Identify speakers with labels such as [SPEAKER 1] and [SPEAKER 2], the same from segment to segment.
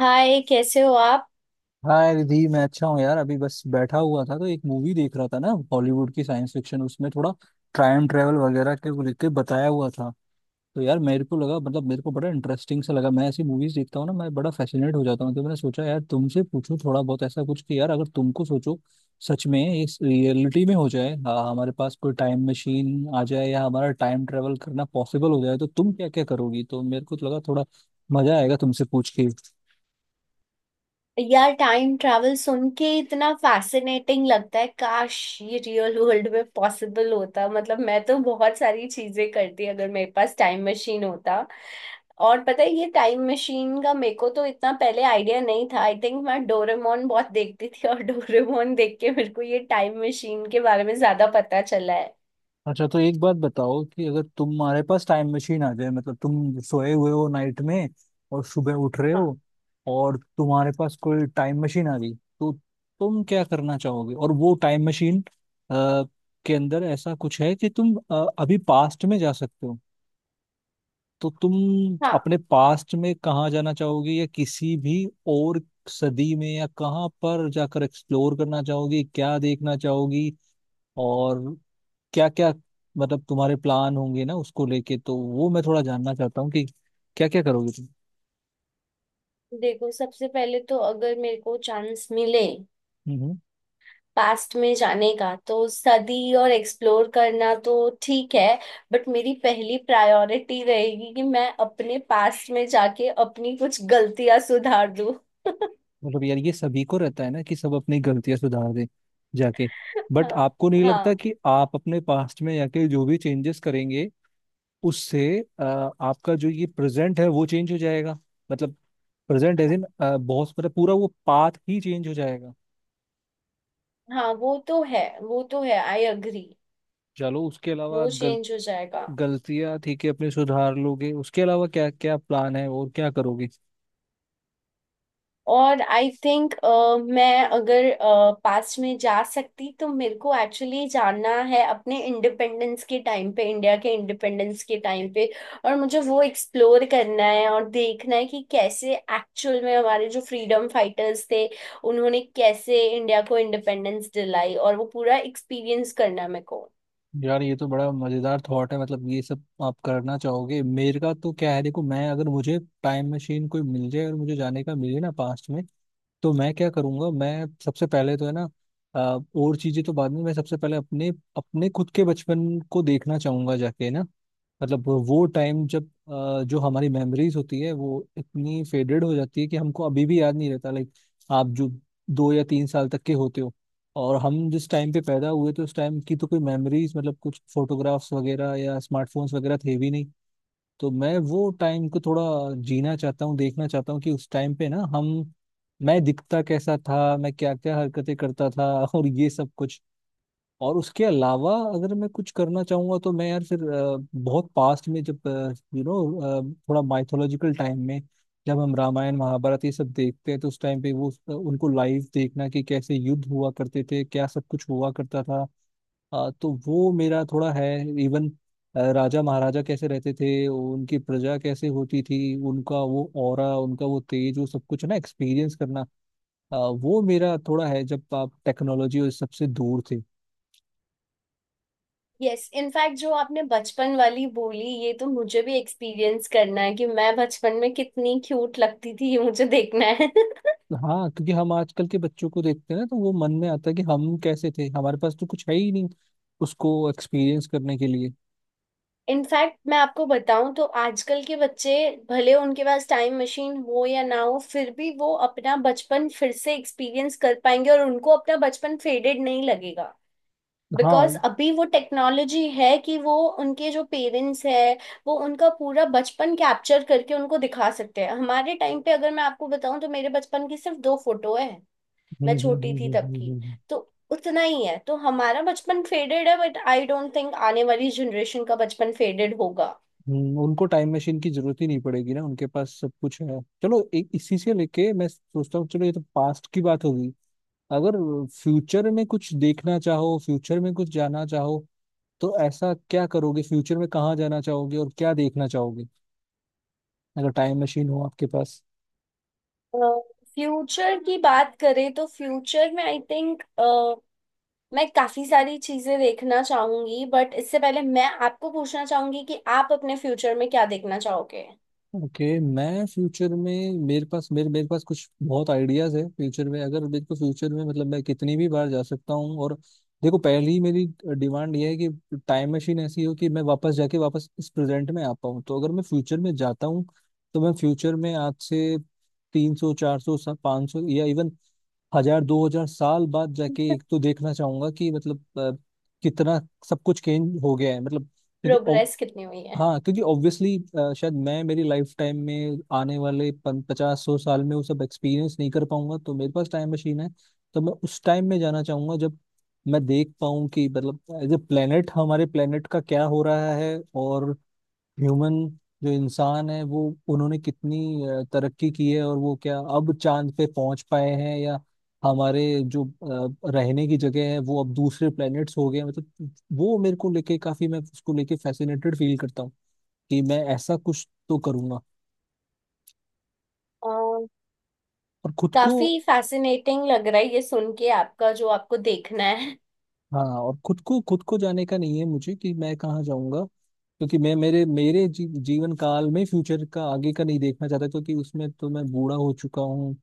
[SPEAKER 1] हाय, कैसे हो आप?
[SPEAKER 2] हाँ रिधि, मैं अच्छा हूँ यार। अभी बस बैठा हुआ था तो एक मूवी देख रहा था ना, हॉलीवुड की साइंस फिक्शन। उसमें थोड़ा टाइम ट्रेवल वगैरह के को लेके बताया हुआ था। तो यार मेरे को लगा, मतलब मेरे को बड़ा इंटरेस्टिंग सा लगा। मैं ऐसी मूवीज देखता हूँ ना, मैं बड़ा फैसिनेट हो जाता हूँ। तो मैंने सोचा यार तुमसे पूछूं थोड़ा बहुत, ऐसा कुछ कि यार अगर तुमको सोचो, सच में ये रियलिटी में हो जाए, हाँ हमारे पास कोई टाइम मशीन आ जाए या हमारा टाइम ट्रेवल करना पॉसिबल हो जाए, तो तुम क्या क्या करोगी। तो मेरे को तो लगा थोड़ा मजा आएगा तुमसे पूछ के।
[SPEAKER 1] यार, टाइम ट्रैवल सुन के इतना फैसिनेटिंग लगता है। काश ये रियल वर्ल्ड में पॉसिबल होता। मतलब मैं तो बहुत सारी चीजें करती अगर मेरे पास टाइम मशीन होता। और पता है, ये टाइम मशीन का मेरे को तो इतना पहले आइडिया नहीं था। आई थिंक मैं डोरेमोन बहुत देखती थी और डोरेमोन देख के मेरे को ये टाइम मशीन के बारे में ज्यादा पता चला है।
[SPEAKER 2] अच्छा तो एक बात बताओ, कि अगर तुम्हारे पास टाइम मशीन आ जाए, मतलब तुम सोए हुए हो नाइट में और सुबह उठ रहे
[SPEAKER 1] हाँ।
[SPEAKER 2] हो, और तुम्हारे पास कोई टाइम मशीन आ गई, तो तुम क्या करना चाहोगे। और वो टाइम मशीन के अंदर ऐसा कुछ है कि तुम अभी पास्ट में जा सकते हो, तो तुम
[SPEAKER 1] हाँ।
[SPEAKER 2] अपने पास्ट में कहाँ जाना चाहोगे, या किसी भी और सदी में या कहाँ पर जाकर एक्सप्लोर करना चाहोगी, क्या देखना चाहोगी और क्या क्या, मतलब तुम्हारे प्लान होंगे ना उसको लेके, तो वो मैं थोड़ा जानना चाहता हूँ कि क्या क्या करोगे तुम।
[SPEAKER 1] देखो, सबसे पहले तो अगर मेरे को चांस मिले
[SPEAKER 2] हम्म हम्म।
[SPEAKER 1] पास्ट में जाने का, तो सदी और एक्सप्लोर करना तो ठीक है, बट मेरी पहली प्रायोरिटी रहेगी कि मैं अपने पास्ट में जाके अपनी कुछ गलतियां सुधार दूं।
[SPEAKER 2] मतलब यार ये सभी को रहता है ना कि सब अपनी गलतियां सुधार दें जाके। बट
[SPEAKER 1] हाँ।
[SPEAKER 2] आपको नहीं लगता
[SPEAKER 1] हाँ।
[SPEAKER 2] कि आप अपने पास्ट में जाके जो भी चेंजेस करेंगे, उससे आपका जो ये प्रेजेंट है वो चेंज हो जाएगा। मतलब प्रेजेंट एज इन बहुत, मतलब पूरा वो पाथ ही चेंज हो जाएगा।
[SPEAKER 1] हाँ, वो तो है, वो तो है, आई अग्री।
[SPEAKER 2] चलो उसके अलावा,
[SPEAKER 1] वो चेंज हो जाएगा।
[SPEAKER 2] गलतियां ठीक है अपनी सुधार लोगे, उसके अलावा क्या क्या प्लान है और क्या करोगे।
[SPEAKER 1] और आई थिंक, मैं अगर पास्ट में जा सकती, तो मेरे को एक्चुअली जानना है अपने इंडिपेंडेंस के टाइम पे, इंडिया के इंडिपेंडेंस के टाइम पे। और मुझे वो एक्सप्लोर करना है और देखना है कि कैसे एक्चुअल में हमारे जो फ्रीडम फाइटर्स थे, उन्होंने कैसे इंडिया को इंडिपेंडेंस दिलाई, और वो पूरा एक्सपीरियंस करना है मेरे को।
[SPEAKER 2] यार ये तो बड़ा मजेदार थॉट है, मतलब ये सब आप करना चाहोगे। मेरे का तो क्या है, देखो मैं, अगर मुझे टाइम मशीन कोई मिल जाए और मुझे जाने का मिले ना पास्ट में, तो मैं क्या करूंगा, मैं सबसे पहले तो है ना अ, और चीजें तो बाद में, मैं सबसे पहले अपने अपने खुद के बचपन को देखना चाहूंगा जाके ना। मतलब वो टाइम जब जो हमारी मेमोरीज होती है वो इतनी फेडेड हो जाती है कि हमको अभी भी याद नहीं रहता, लाइक आप जो 2 या 3 साल तक के होते हो। और हम जिस टाइम पे पैदा हुए, तो उस टाइम की तो कोई मेमोरीज, मतलब कुछ फोटोग्राफ्स वगैरह या स्मार्टफोन्स वगैरह थे भी नहीं। तो मैं वो टाइम को थोड़ा जीना चाहता हूँ, देखना चाहता हूँ कि उस टाइम पे ना हम, मैं दिखता कैसा था, मैं क्या क्या हरकतें करता था और ये सब कुछ। और उसके अलावा अगर मैं कुछ करना चाहूंगा तो मैं यार फिर बहुत पास्ट में, जब यू नो थोड़ा माइथोलॉजिकल टाइम में, जब हम रामायण महाभारत ये सब देखते हैं, तो उस टाइम पे वो, उनको लाइव देखना कि कैसे युद्ध हुआ करते थे, क्या सब कुछ हुआ करता था। हाँ तो वो मेरा थोड़ा है, इवन राजा महाराजा कैसे रहते थे, उनकी प्रजा कैसे होती थी, उनका वो ऑरा, उनका वो तेज, वो सब कुछ ना एक्सपीरियंस करना। अ, वो मेरा थोड़ा है, जब आप टेक्नोलॉजी और सबसे दूर थे
[SPEAKER 1] यस, इनफैक्ट जो आपने बचपन वाली बोली, ये तो मुझे भी एक्सपीरियंस करना है कि मैं बचपन में कितनी क्यूट लगती थी, ये मुझे देखना है।
[SPEAKER 2] तो। हाँ, क्योंकि हम आजकल के बच्चों को देखते हैं ना, तो वो मन में आता है कि हम कैसे थे, हमारे पास तो कुछ है ही नहीं उसको एक्सपीरियंस करने के लिए।
[SPEAKER 1] इनफैक्ट मैं आपको बताऊं तो आजकल के बच्चे, भले उनके पास टाइम मशीन हो या ना हो, फिर भी वो अपना बचपन फिर से एक्सपीरियंस कर पाएंगे और उनको अपना बचपन फेडेड नहीं लगेगा।
[SPEAKER 2] हाँ।
[SPEAKER 1] बिकॉज अभी वो टेक्नोलॉजी है कि वो, उनके जो पेरेंट्स है, वो उनका पूरा बचपन कैप्चर करके उनको दिखा सकते हैं। हमारे टाइम पे अगर मैं आपको बताऊं तो मेरे बचपन की सिर्फ दो फोटो है, मैं छोटी थी तब की।
[SPEAKER 2] हम्म।
[SPEAKER 1] तो उतना ही है। तो हमारा बचपन फेडेड है, बट आई डोंट थिंक आने वाली जनरेशन का बचपन फेडेड होगा।
[SPEAKER 2] उनको टाइम मशीन की जरूरत ही नहीं पड़ेगी ना, उनके पास सब कुछ है। चलो एक इसी से लेके मैं सोचता हूँ, चलो ये तो पास्ट की बात होगी, अगर फ्यूचर में कुछ देखना चाहो, फ्यूचर में कुछ जाना चाहो, तो ऐसा क्या करोगे, फ्यूचर में कहाँ जाना चाहोगे और क्या देखना चाहोगे, अगर टाइम मशीन हो आपके पास।
[SPEAKER 1] फ्यूचर की बात करें तो फ्यूचर में आई थिंक मैं काफी सारी चीजें देखना चाहूंगी, बट इससे पहले मैं आपको पूछना चाहूंगी कि आप अपने फ्यूचर में क्या देखना चाहोगे?
[SPEAKER 2] ओके, मैं फ्यूचर में, मेरे पास, मेरे मेरे पास कुछ बहुत आइडियाज है। फ्यूचर में अगर मेरे को, फ्यूचर में मतलब मैं कितनी भी बार जा सकता हूँ और, देखो पहली मेरी डिमांड ये है कि टाइम मशीन ऐसी हो कि मैं वापस जाके वापस इस प्रेजेंट में आ पाऊँ। तो अगर मैं फ्यूचर में जाता हूँ, तो मैं फ्यूचर में आज से 300, 400, 500, या इवन 1000, 2000 साल बाद जाके एक तो देखना चाहूंगा कि मतलब कितना सब कुछ चेंज हो गया है। मतलब क्योंकि,
[SPEAKER 1] प्रोग्रेस कितनी हुई है?
[SPEAKER 2] हाँ क्योंकि ऑब्वियसली शायद मैं, मेरी लाइफ टाइम में आने वाले 5000 साल में वो सब एक्सपीरियंस नहीं कर पाऊंगा, तो मेरे पास टाइम मशीन है तो मैं उस टाइम में जाना चाहूंगा जब मैं देख पाऊँ कि, मतलब एज ए प्लेनेट हमारे प्लेनेट का क्या हो रहा है। और ह्यूमन, जो इंसान है वो, उन्होंने कितनी तरक्की की है, और वो क्या अब चांद पे पहुंच पाए हैं, या हमारे जो रहने की जगह है वो अब दूसरे प्लेनेट्स हो गए हैं। मतलब वो मेरे को लेके काफी, मैं उसको लेके फैसिनेटेड फील करता हूँ कि मैं ऐसा कुछ तो करूंगा
[SPEAKER 1] अ,
[SPEAKER 2] और खुद को।
[SPEAKER 1] काफी फैसिनेटिंग लग रहा है ये सुन के, आपका जो आपको देखना है।
[SPEAKER 2] हाँ और खुद को, जाने का नहीं है मुझे कि मैं कहाँ जाऊंगा, क्योंकि मैं, मेरे मेरे जी, जीवन काल में फ्यूचर का आगे का नहीं देखना चाहता, क्योंकि उसमें तो मैं बूढ़ा हो चुका हूँ।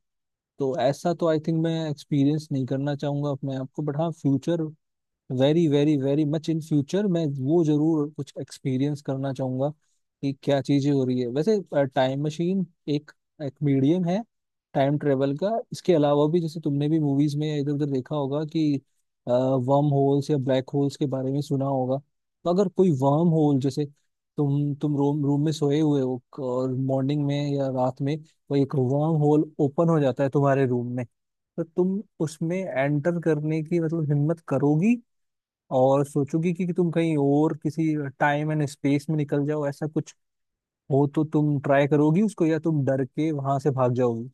[SPEAKER 2] तो ऐसा तो आई थिंक मैं एक्सपीरियंस नहीं करना चाहूंगा अपने आप को, बट हाँ future, very very very much in future मैं वो जरूर कुछ एक्सपीरियंस करना चाहूंगा कि क्या चीजें हो रही है। वैसे टाइम मशीन एक एक मीडियम है टाइम ट्रेवल का, इसके अलावा भी जैसे तुमने भी मूवीज में इधर उधर देखा होगा कि वर्म होल्स या ब्लैक होल्स के बारे में सुना होगा। तो अगर कोई वर्म होल, जैसे तुम रूम रूम में सोए हुए हो और मॉर्निंग में या रात में कोई एक वर्म होल ओपन हो जाता है तुम्हारे रूम में, तो तुम उसमें एंटर करने की, मतलब हिम्मत करोगी, और सोचोगी कि तुम कहीं और किसी टाइम एंड स्पेस में निकल जाओ, ऐसा कुछ हो तो तुम ट्राई करोगी उसको, या तुम डर के वहां से भाग जाओगी।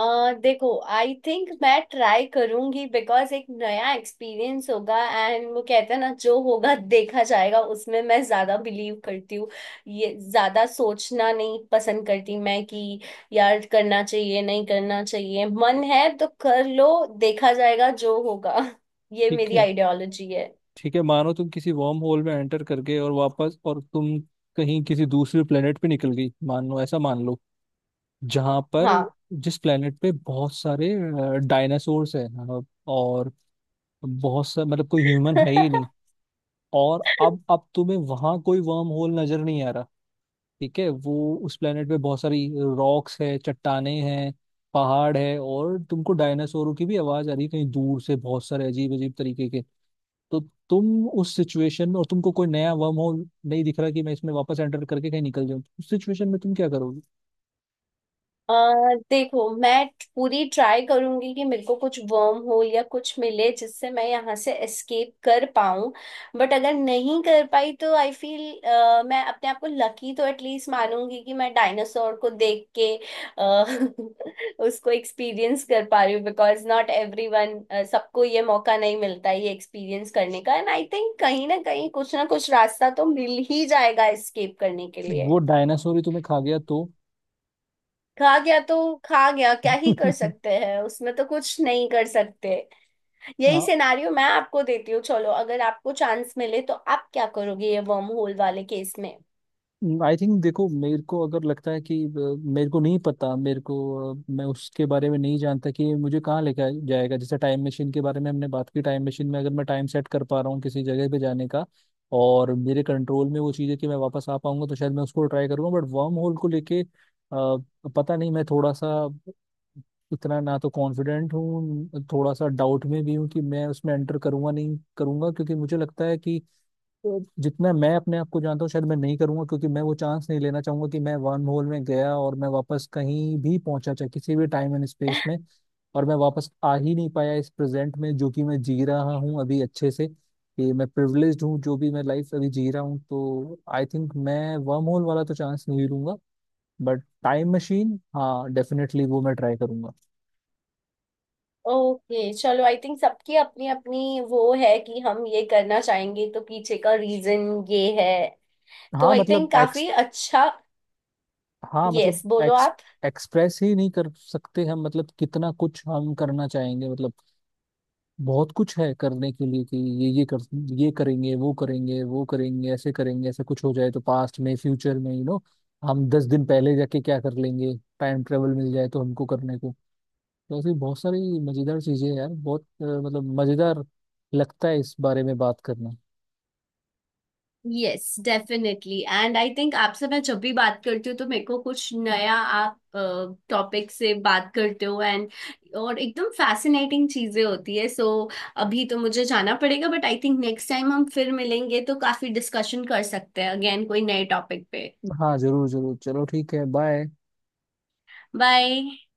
[SPEAKER 1] अ देखो, आई थिंक मैं ट्राई करूंगी बिकॉज एक नया एक्सपीरियंस होगा। एंड वो कहते हैं ना, जो होगा देखा जाएगा, उसमें मैं ज्यादा बिलीव करती हूँ। ये ज्यादा सोचना नहीं पसंद करती मैं कि यार करना चाहिए नहीं करना चाहिए। मन है तो कर लो, देखा जाएगा जो होगा। ये
[SPEAKER 2] ठीक
[SPEAKER 1] मेरी
[SPEAKER 2] है,
[SPEAKER 1] आइडियोलॉजी है।
[SPEAKER 2] ठीक है, मानो तुम किसी वर्म होल में एंटर कर गए और वापस, और तुम कहीं किसी दूसरे प्लेनेट पे निकल गई, मान लो, ऐसा मान लो जहां पर,
[SPEAKER 1] हाँ।
[SPEAKER 2] जिस प्लेनेट पे बहुत सारे डायनासोर्स हैं, अ, और बहुत सा, मतलब कोई ह्यूमन है ही नहीं, और अब तुम्हें वहां कोई वर्म होल नजर नहीं आ रहा। ठीक है, वो, उस प्लेनेट पे बहुत सारी रॉक्स है, चट्टाने हैं, पहाड़ है, और तुमको डायनासोरों की भी आवाज आ रही है कहीं दूर से, बहुत सारे अजीब अजीब तरीके के। तो तुम उस सिचुएशन में, और तुमको कोई नया वर्म होल नहीं दिख रहा कि मैं इसमें वापस एंटर करके कहीं निकल जाऊं, उस सिचुएशन में तुम क्या करोगे।
[SPEAKER 1] अ देखो, मैं पूरी ट्राई करूंगी कि मेरे को कुछ वर्म होल या कुछ मिले जिससे मैं यहाँ से एस्केप कर पाऊं। बट अगर नहीं कर पाई तो आई फील मैं अपने आप को लकी तो एटलीस्ट मानूंगी कि मैं डायनासोर को देख के अ, उसको एक्सपीरियंस कर पा रही हूँ। बिकॉज नॉट एवरीवन, सबको ये मौका नहीं मिलता ये एक्सपीरियंस करने का। एंड आई थिंक कहीं ना कहीं कुछ ना कुछ रास्ता तो मिल ही जाएगा एस्केप करने के लिए।
[SPEAKER 2] वो डायनासोर ही तुम्हें खा गया तो?
[SPEAKER 1] खा गया तो खा गया, क्या ही कर सकते हैं, उसमें तो कुछ नहीं कर सकते। यही
[SPEAKER 2] हाँ,
[SPEAKER 1] सिनारियो मैं आपको देती हूँ। चलो, अगर आपको चांस मिले तो आप क्या करोगे ये वर्म होल वाले केस में?
[SPEAKER 2] आई थिंक देखो, मेरे को अगर लगता है कि मेरे को नहीं पता, मेरे को मैं उसके बारे में नहीं जानता कि ये मुझे कहाँ लेके जाएगा। जैसे टाइम मशीन के बारे में हमने बात की, टाइम मशीन में अगर मैं टाइम सेट कर पा रहा हूँ किसी जगह पे जाने का, और मेरे कंट्रोल में वो चीज़ है कि मैं वापस आ पाऊंगा, तो शायद मैं उसको ट्राई करूंगा। बट वर्म होल को लेके पता नहीं, मैं थोड़ा सा, इतना ना तो कॉन्फिडेंट हूँ, थोड़ा सा डाउट में भी हूँ कि मैं उसमें एंटर करूंगा नहीं करूंगा, क्योंकि मुझे लगता है कि, तो जितना मैं अपने आप को जानता हूँ, शायद मैं नहीं करूंगा, क्योंकि मैं वो चांस नहीं लेना चाहूंगा कि मैं वर्म होल में गया, और मैं वापस कहीं भी पहुंचा चाहे किसी भी टाइम एंड स्पेस में, और मैं वापस आ ही नहीं पाया इस प्रेजेंट में, जो कि मैं जी रहा हूँ अभी अच्छे से, कि मैं प्रिविलेज्ड हूँ जो भी मैं लाइफ अभी जी रहा हूँ। तो आई थिंक मैं वर्म होल वाला तो चांस नहीं लूंगा, बट टाइम मशीन हाँ डेफिनेटली वो मैं ट्राई करूंगा।
[SPEAKER 1] ओके। चलो, आई थिंक सबकी अपनी अपनी वो है कि हम ये करना चाहेंगे तो पीछे का रीजन ये है। तो
[SPEAKER 2] हाँ
[SPEAKER 1] आई
[SPEAKER 2] मतलब
[SPEAKER 1] थिंक काफी
[SPEAKER 2] एक्स
[SPEAKER 1] अच्छा।
[SPEAKER 2] हाँ
[SPEAKER 1] यस,
[SPEAKER 2] मतलब
[SPEAKER 1] बोलो
[SPEAKER 2] एक्स
[SPEAKER 1] आप।
[SPEAKER 2] एक्सप्रेस ही नहीं कर सकते हम, मतलब कितना कुछ हम करना चाहेंगे, मतलब बहुत कुछ है करने के लिए कि ये कर ये करेंगे, वो करेंगे, वो करेंगे, ऐसे करेंगे, ऐसा कुछ हो जाए तो पास्ट में फ्यूचर में, यू नो हम 10 दिन पहले जाके क्या कर लेंगे, टाइम ट्रेवल मिल जाए तो हमको करने को। तो ऐसी बहुत सारी मजेदार चीजें हैं यार, बहुत मतलब मजेदार लगता है इस बारे में बात करना।
[SPEAKER 1] Yes, definitely. And I think आपसे मैं जब भी बात करती हूँ तो मेरे को कुछ नया आप टॉपिक से बात करते हो, एंड एकदम फैसिनेटिंग चीजें होती है। So, अभी तो मुझे जाना पड़ेगा, but I think next time हम फिर मिलेंगे तो काफी डिस्कशन कर सकते हैं अगेन कोई नए टॉपिक पे।
[SPEAKER 2] हाँ जरूर जरूर, चलो ठीक है, बाय।
[SPEAKER 1] बाय।